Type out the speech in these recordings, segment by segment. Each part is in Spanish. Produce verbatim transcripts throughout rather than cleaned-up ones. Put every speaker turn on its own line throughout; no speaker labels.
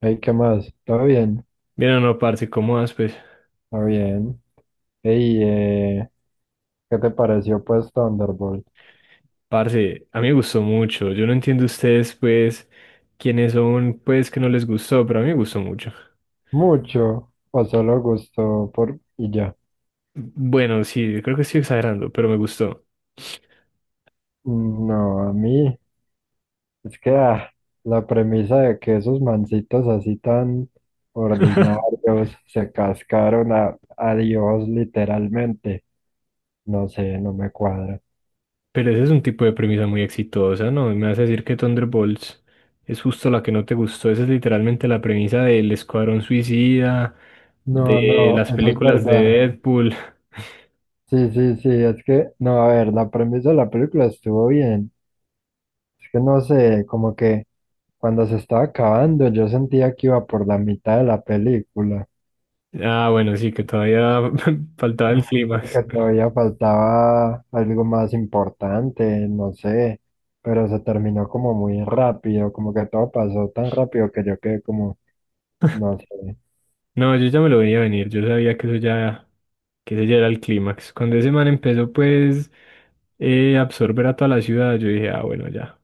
Hey, ¿qué más? ¿Todo bien?
Mira, no, parce, ¿cómo vas, pues?
¿Todo bien? Hey, eh, ¿qué te pareció pues Thunderbolt?
Parce, a mí me gustó mucho. Yo no entiendo ustedes, pues, quiénes son, pues, que no les gustó, pero a mí me gustó mucho.
Mucho, o solo gustó por y ya.
Bueno, sí, creo que estoy exagerando, pero me gustó.
Mm, no, a mí es que ah, la premisa de que esos mancitos así tan ordinarios se cascaron a, a Dios literalmente, no sé, no me cuadra.
Pero ese es un tipo de premisa muy exitosa, ¿no? Me vas a decir que Thunderbolts es justo la que no te gustó. Esa es literalmente la premisa del Escuadrón Suicida,
No,
de
no,
las
eso es
películas de
verdad.
Deadpool.
Sí, sí, sí, es que, no, a ver, la premisa de la película estuvo bien. Es que no sé, como que cuando se estaba acabando, yo sentía que iba por la mitad de la película.
Ah, bueno, sí, que todavía faltaba el
Ajá.
clímax.
Que todavía faltaba algo más importante, no sé, pero se terminó como muy rápido, como que todo pasó tan rápido que yo quedé como, no sé.
No, yo ya me lo venía a venir. Yo sabía que eso ya, que ese ya era el clímax. Cuando ese man empezó pues eh, a absorber a toda la ciudad, yo dije, ah, bueno, ya.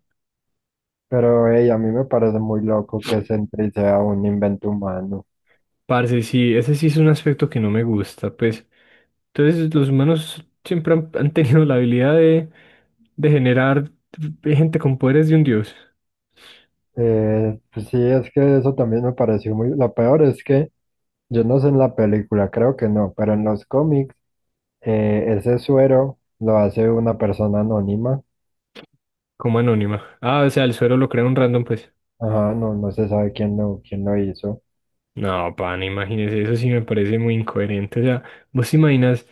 Pero hey, a mí me parece muy loco que Sentry sea un invento humano.
Parce, sí, ese sí es un aspecto que no me gusta, pues. Entonces los humanos siempre han, han tenido la habilidad de, de generar gente con poderes de un dios,
Eh, pues sí, es que eso también me pareció muy... Lo peor es que yo no sé en la película, creo que no, pero en los cómics. Eh, ese suero lo hace una persona anónima.
como anónima. Ah, o sea, el suero lo crea un random, pues.
Ajá, no, no se sabe quién lo, quién lo hizo.
No, pana, imagínese, eso sí me parece muy incoherente. O sea, vos te imaginas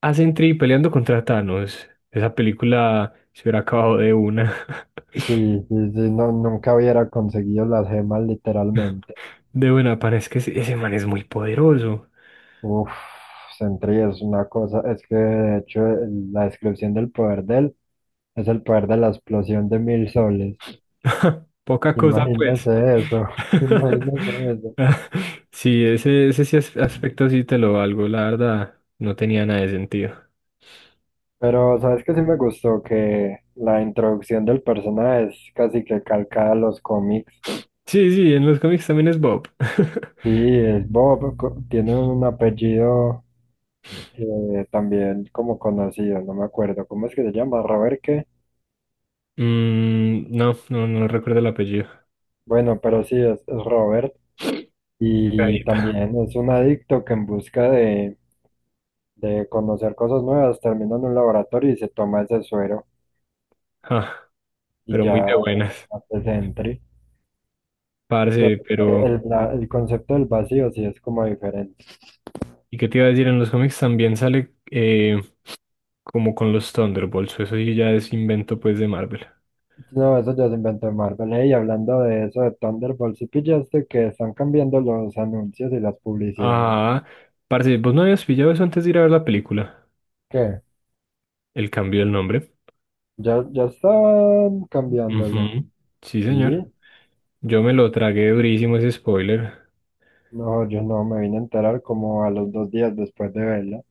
a Sentry peleando contra Thanos. Esa película se hubiera acabado de una.
Sí, sí, sí, no, nunca hubiera conseguido las gemas literalmente.
De buena, parece que ese ese man es muy poderoso.
Uf, Sentry es una cosa, es que de hecho el- la descripción del poder de él es el poder de la explosión de mil soles.
Poca cosa, pues.
Imagínese eso, imagínese eso.
Sí, ese, ese sí as- aspecto sí te lo valgo, la verdad. No tenía nada de sentido.
Pero, ¿sabes qué sí me gustó? Que la introducción del personaje es casi que calcada a los cómics.
Sí, sí, en los cómics también es Bob.
Sí, es Bob, co- tiene un apellido eh, también como conocido, no me acuerdo. ¿Cómo es que se llama? ¿Robert qué?
Mm, no, no, no recuerdo el apellido.
Bueno, pero sí, es, es Robert. Y
Caída.
también es un adicto que en busca de, de conocer cosas nuevas termina en un laboratorio y se toma ese suero
Ah,
y
pero muy
ya
de
es
buenas.
antes de entry. O sea,
Parce, pero.
El, la- el concepto del vacío sí es como diferente.
¿Y qué te iba a decir? En los cómics también sale eh, como con los Thunderbolts. Eso sí ya es invento pues de Marvel.
No, eso ya se inventó Marvel. eh, Y hablando de eso de Thunderbolts, ¿sí pillaste que están cambiando los anuncios y las publicidades?
Ah, parce, ¿vos no habías pillado eso antes de ir a ver la película?
¿Qué?
El cambio del nombre.
¿Ya, ya estaban cambiándolo?
Ujú. Sí,
¿Sí?
señor. Yo me lo tragué durísimo ese spoiler.
No, yo no me vine a enterar como a los dos días después de verla.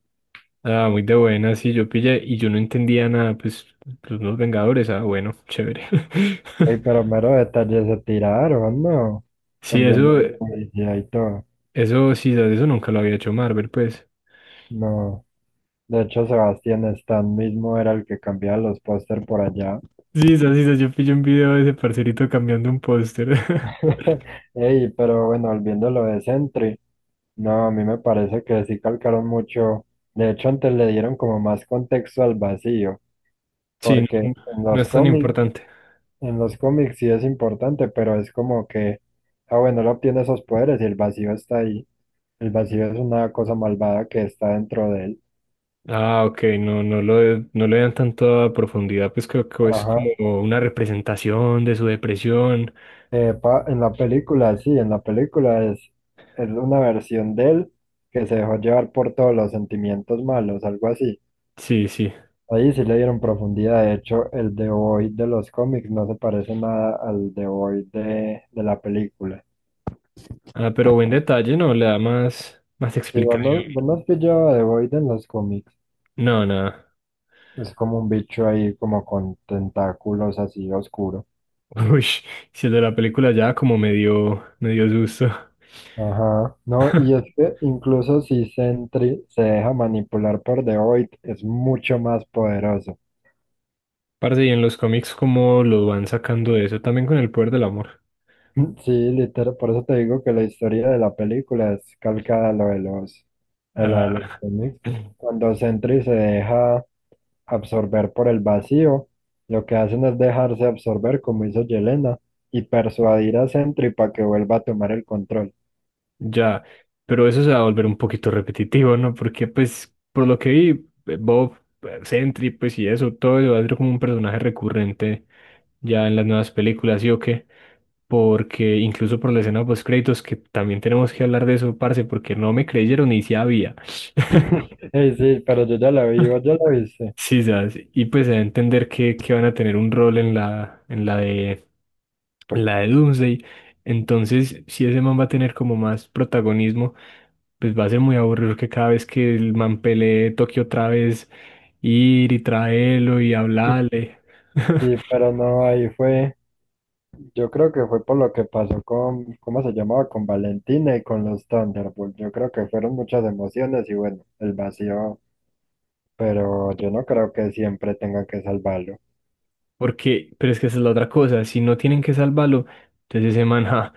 Ah, muy de buena, sí, yo pillé y yo no entendía nada, pues, los nuevos Vengadores, ah, bueno, chévere.
Ey, pero mero detalles se tiraron, ¿no?
Sí,
Cambiando
eso,
la publicidad y todo.
eso, sí, sas, eso nunca lo había hecho Marvel, pues.
No. De hecho, Sebastián Stan mismo era el que cambiaba los póster por allá.
Sí, sí, sí, yo pillé un video de ese parcerito cambiando un póster.
Ey, pero bueno, volviendo a lo de Sentry, no, a mí me parece que sí calcaron mucho. De hecho, antes le dieron como más contexto al vacío,
Sí,
porque
no,
en
no
los
es tan
cómics,
importante.
en los cómics sí es importante, pero es como que, ah, bueno, él obtiene esos poderes y el vacío está ahí. El vacío es una cosa malvada que está dentro de él.
Ah, ok, no, no lo, no le dan tanta profundidad, pues creo que es
Ajá.
como una representación de su depresión.
Eh, pa- en la película, sí, en la película es, es una versión de él que se dejó llevar por todos los sentimientos malos, algo así.
Sí, sí.
Ahí sí le dieron profundidad. De hecho, el The Void de los cómics no se parece nada al The Void de, de la película.
Ah, pero buen detalle, ¿no? Le da más, más
Si vos no,
explicación.
vos no has pillado a The Void en los cómics,
No, nada.
es como un bicho ahí como con tentáculos así oscuro.
Uy, si el de la película ya como me dio, me dio susto.
Ajá. No, y es que incluso si Sentry se deja manipular por The Void, es mucho más poderoso.
Parce, y en los cómics, ¿cómo lo van sacando de eso? También con el poder del amor.
Sí, literal, por eso te digo que la historia de la película es calcada a lo de los, a la de los
Ah,
cómics. Cuando Sentry se deja absorber por el vacío, lo que hacen es dejarse absorber como hizo Yelena y persuadir a Sentry para que vuelva a tomar el control.
ya, pero eso se va a volver un poquito repetitivo, ¿no? Porque pues, por lo que vi, eh, Bob, eh, Sentry, pues y eso, todo eso va a ser como un personaje recurrente ya en las nuevas películas, ¿sí o qué? Porque incluso por la escena de post-créditos, que también tenemos que hablar de eso, parce, porque no me creyeron y sí había.
Ey, sí, pero yo ya la vi, vos ya la viste.
Sí, ¿sabes? Y pues a entender que, que van a tener un rol en la, en la de, en la de Doomsday. Entonces, si ese man va a tener como más protagonismo pues va a ser muy aburrido que cada vez que el man pelee toque otra vez ir y traerlo y hablarle.
Sí, pero no, ahí fue, yo creo que fue por lo que pasó con, ¿cómo se llamaba? Con Valentina y con los Thunderbolts. Yo creo que fueron muchas emociones y bueno, el vacío, pero yo no creo que siempre tenga que salvarlo.
Porque, pero es que esa es la otra cosa, si no tienen que salvarlo, entonces ese man, ja,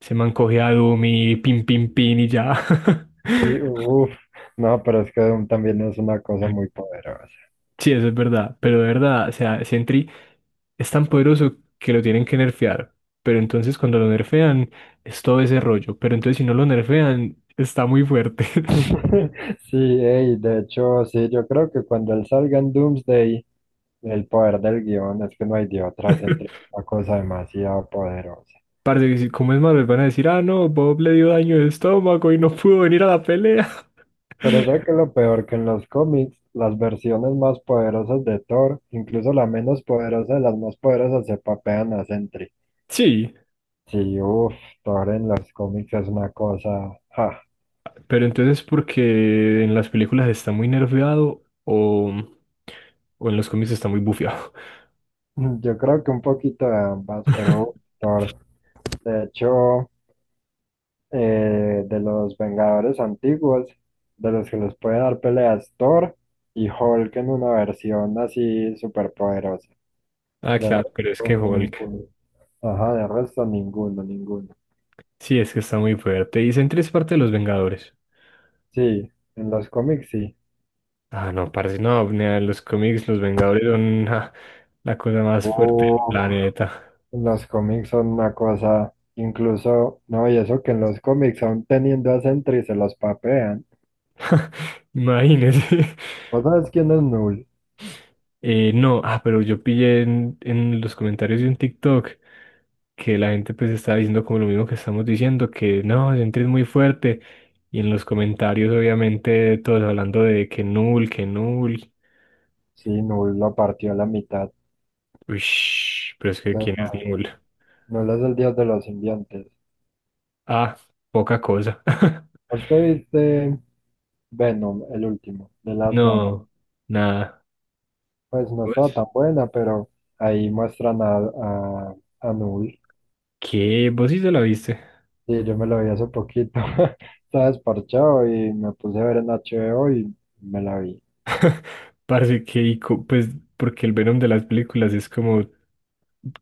ese man coge a Doom y pin, pin, pin y ya.
Sí, uff, no, pero es que Doom también es una cosa muy poderosa.
Sí, eso es verdad, pero de verdad, o sea, Sentry es tan poderoso que lo tienen que nerfear, pero entonces cuando lo nerfean es todo ese rollo, pero entonces si no lo nerfean está muy fuerte.
Sí, ey, de hecho, sí, yo creo que cuando él salga en Doomsday, el poder del guión es que no hay de otra, se entrega una cosa demasiado poderosa.
Parce, que si- como es Marvel, van a decir, ah, no, Bob le dio daño de estómago y no pudo venir a la pelea.
Pero sé que lo peor que en los cómics, las versiones más poderosas de Thor, incluso la menos poderosa de las más poderosas, se papean a Sentry.
Sí,
Sí, uff, Thor en los cómics es una cosa, ja.
pero entonces porque en las películas está muy nerfeado o, o en los cómics está muy bufeado.
Yo creo que un poquito de ambas, pero Thor, de hecho. Eh, de los Vengadores antiguos, de los que les puede dar peleas Thor y Hulk en una versión así súper poderosa.
Ah,
De
claro, pero es que
resto,
Hulk.
ninguno. Ajá, de resto, ninguno, ninguno.
Sí, es que está muy fuerte. Y Sentry es parte de los Vengadores.
Sí, en los cómics sí.
Ah, no, parce, no, nea, los cómics, los Vengadores son ah, la cosa más fuerte del
Uf,
planeta.
los cómics son una cosa, incluso, no, y eso que en los cómics aún teniendo a Sentry se los papean.
Imagínese.
¿Vos sabes quién es Null?
Eh, no, ah, pero yo pillé en, en los comentarios de un TikTok que la gente pues estaba diciendo como lo mismo que estamos diciendo, que no, Sentry es muy fuerte. Y en los comentarios obviamente todos hablando de que Null, que Null.
Sí, Null lo partió a la mitad.
Uish, pero es
No
que
te
¿quién es
imaginas.
Null?
Null es el dios de los simbiontes.
Ah, poca cosa.
¿Vos te viste Venom, el último, de Last Dance?
No, nada.
Pues no estaba
¿Vos?
tan buena, pero ahí muestran a, a, a Null.
¿Qué? ¿Vos sí se la viste?
Sí, yo me lo vi hace poquito. Estaba desparchado y me puse a ver en H B O y me la vi.
Parece que, ico- pues, porque el Venom de las películas es como,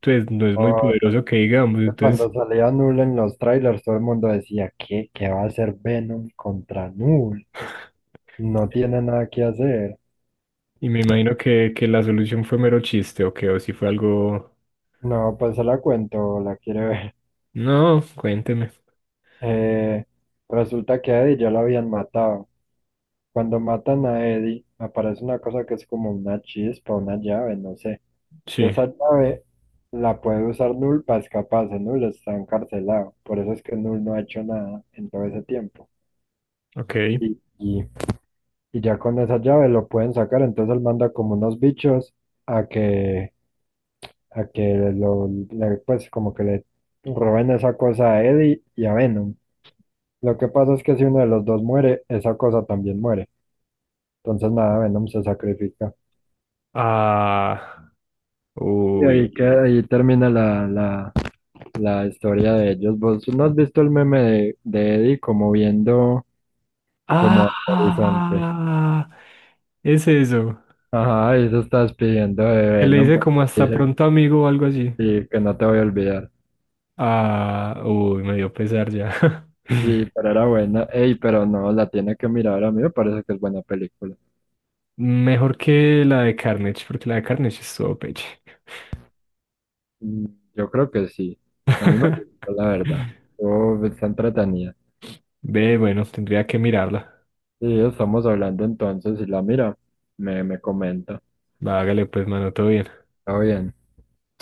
pues, no es muy
Oh,
poderoso que
es
digamos,
que cuando
entonces...
salía Null en los trailers, todo el mundo decía, ¿qué? ¿Qué va a hacer Venom contra Null? No tiene nada que hacer.
Y me imagino que, que la solución fue mero chiste, o que, o si fue algo...
No, pues se la cuento, la quiere ver.
No, cuénteme.
Eh, Resulta que a Eddie ya lo habían matado. Cuando matan a Eddie, aparece una cosa que es como una chispa, una llave, no sé.
Sí,
Esa llave la puede usar Null para escaparse. Null está encarcelado. Por eso es que Null no ha hecho nada en todo ese tiempo.
ok.
Y, y, y ya con esa llave lo pueden sacar. Entonces él manda como unos bichos a que, a que lo, le- pues como que le roben esa cosa a Eddie y a Venom. Lo que pasa es que si uno de los dos muere, esa cosa también muere. Entonces nada, Venom se sacrifica.
Ah,
Y
uy.
ahí, que- ahí termina la, la, la historia de ellos. ¿Vos no has visto el meme de, de Eddie como viendo como al horizonte?
Ah, es eso.
Ajá, y se está despidiendo de
Que le
Venom,
dice
pues
como hasta
dice
pronto, amigo, o algo así.
sí, que no te voy a olvidar.
Ah, uy, me dio pesar ya.
Sí, pero era buena. Ey, pero no, la tiene que mirar. A mí me parece que es buena película.
Mejor que la de Carnage, porque la de Carnage es todo peche.
Mm, yo creo que sí. A mí me gustó, la verdad. Oh, está entretenida.
Ve, bueno, tendría que mirarla.
Sí, estamos hablando entonces. Si la mira, me, me comenta.
Va, hágale pues, mano, todo bien.
Está bien.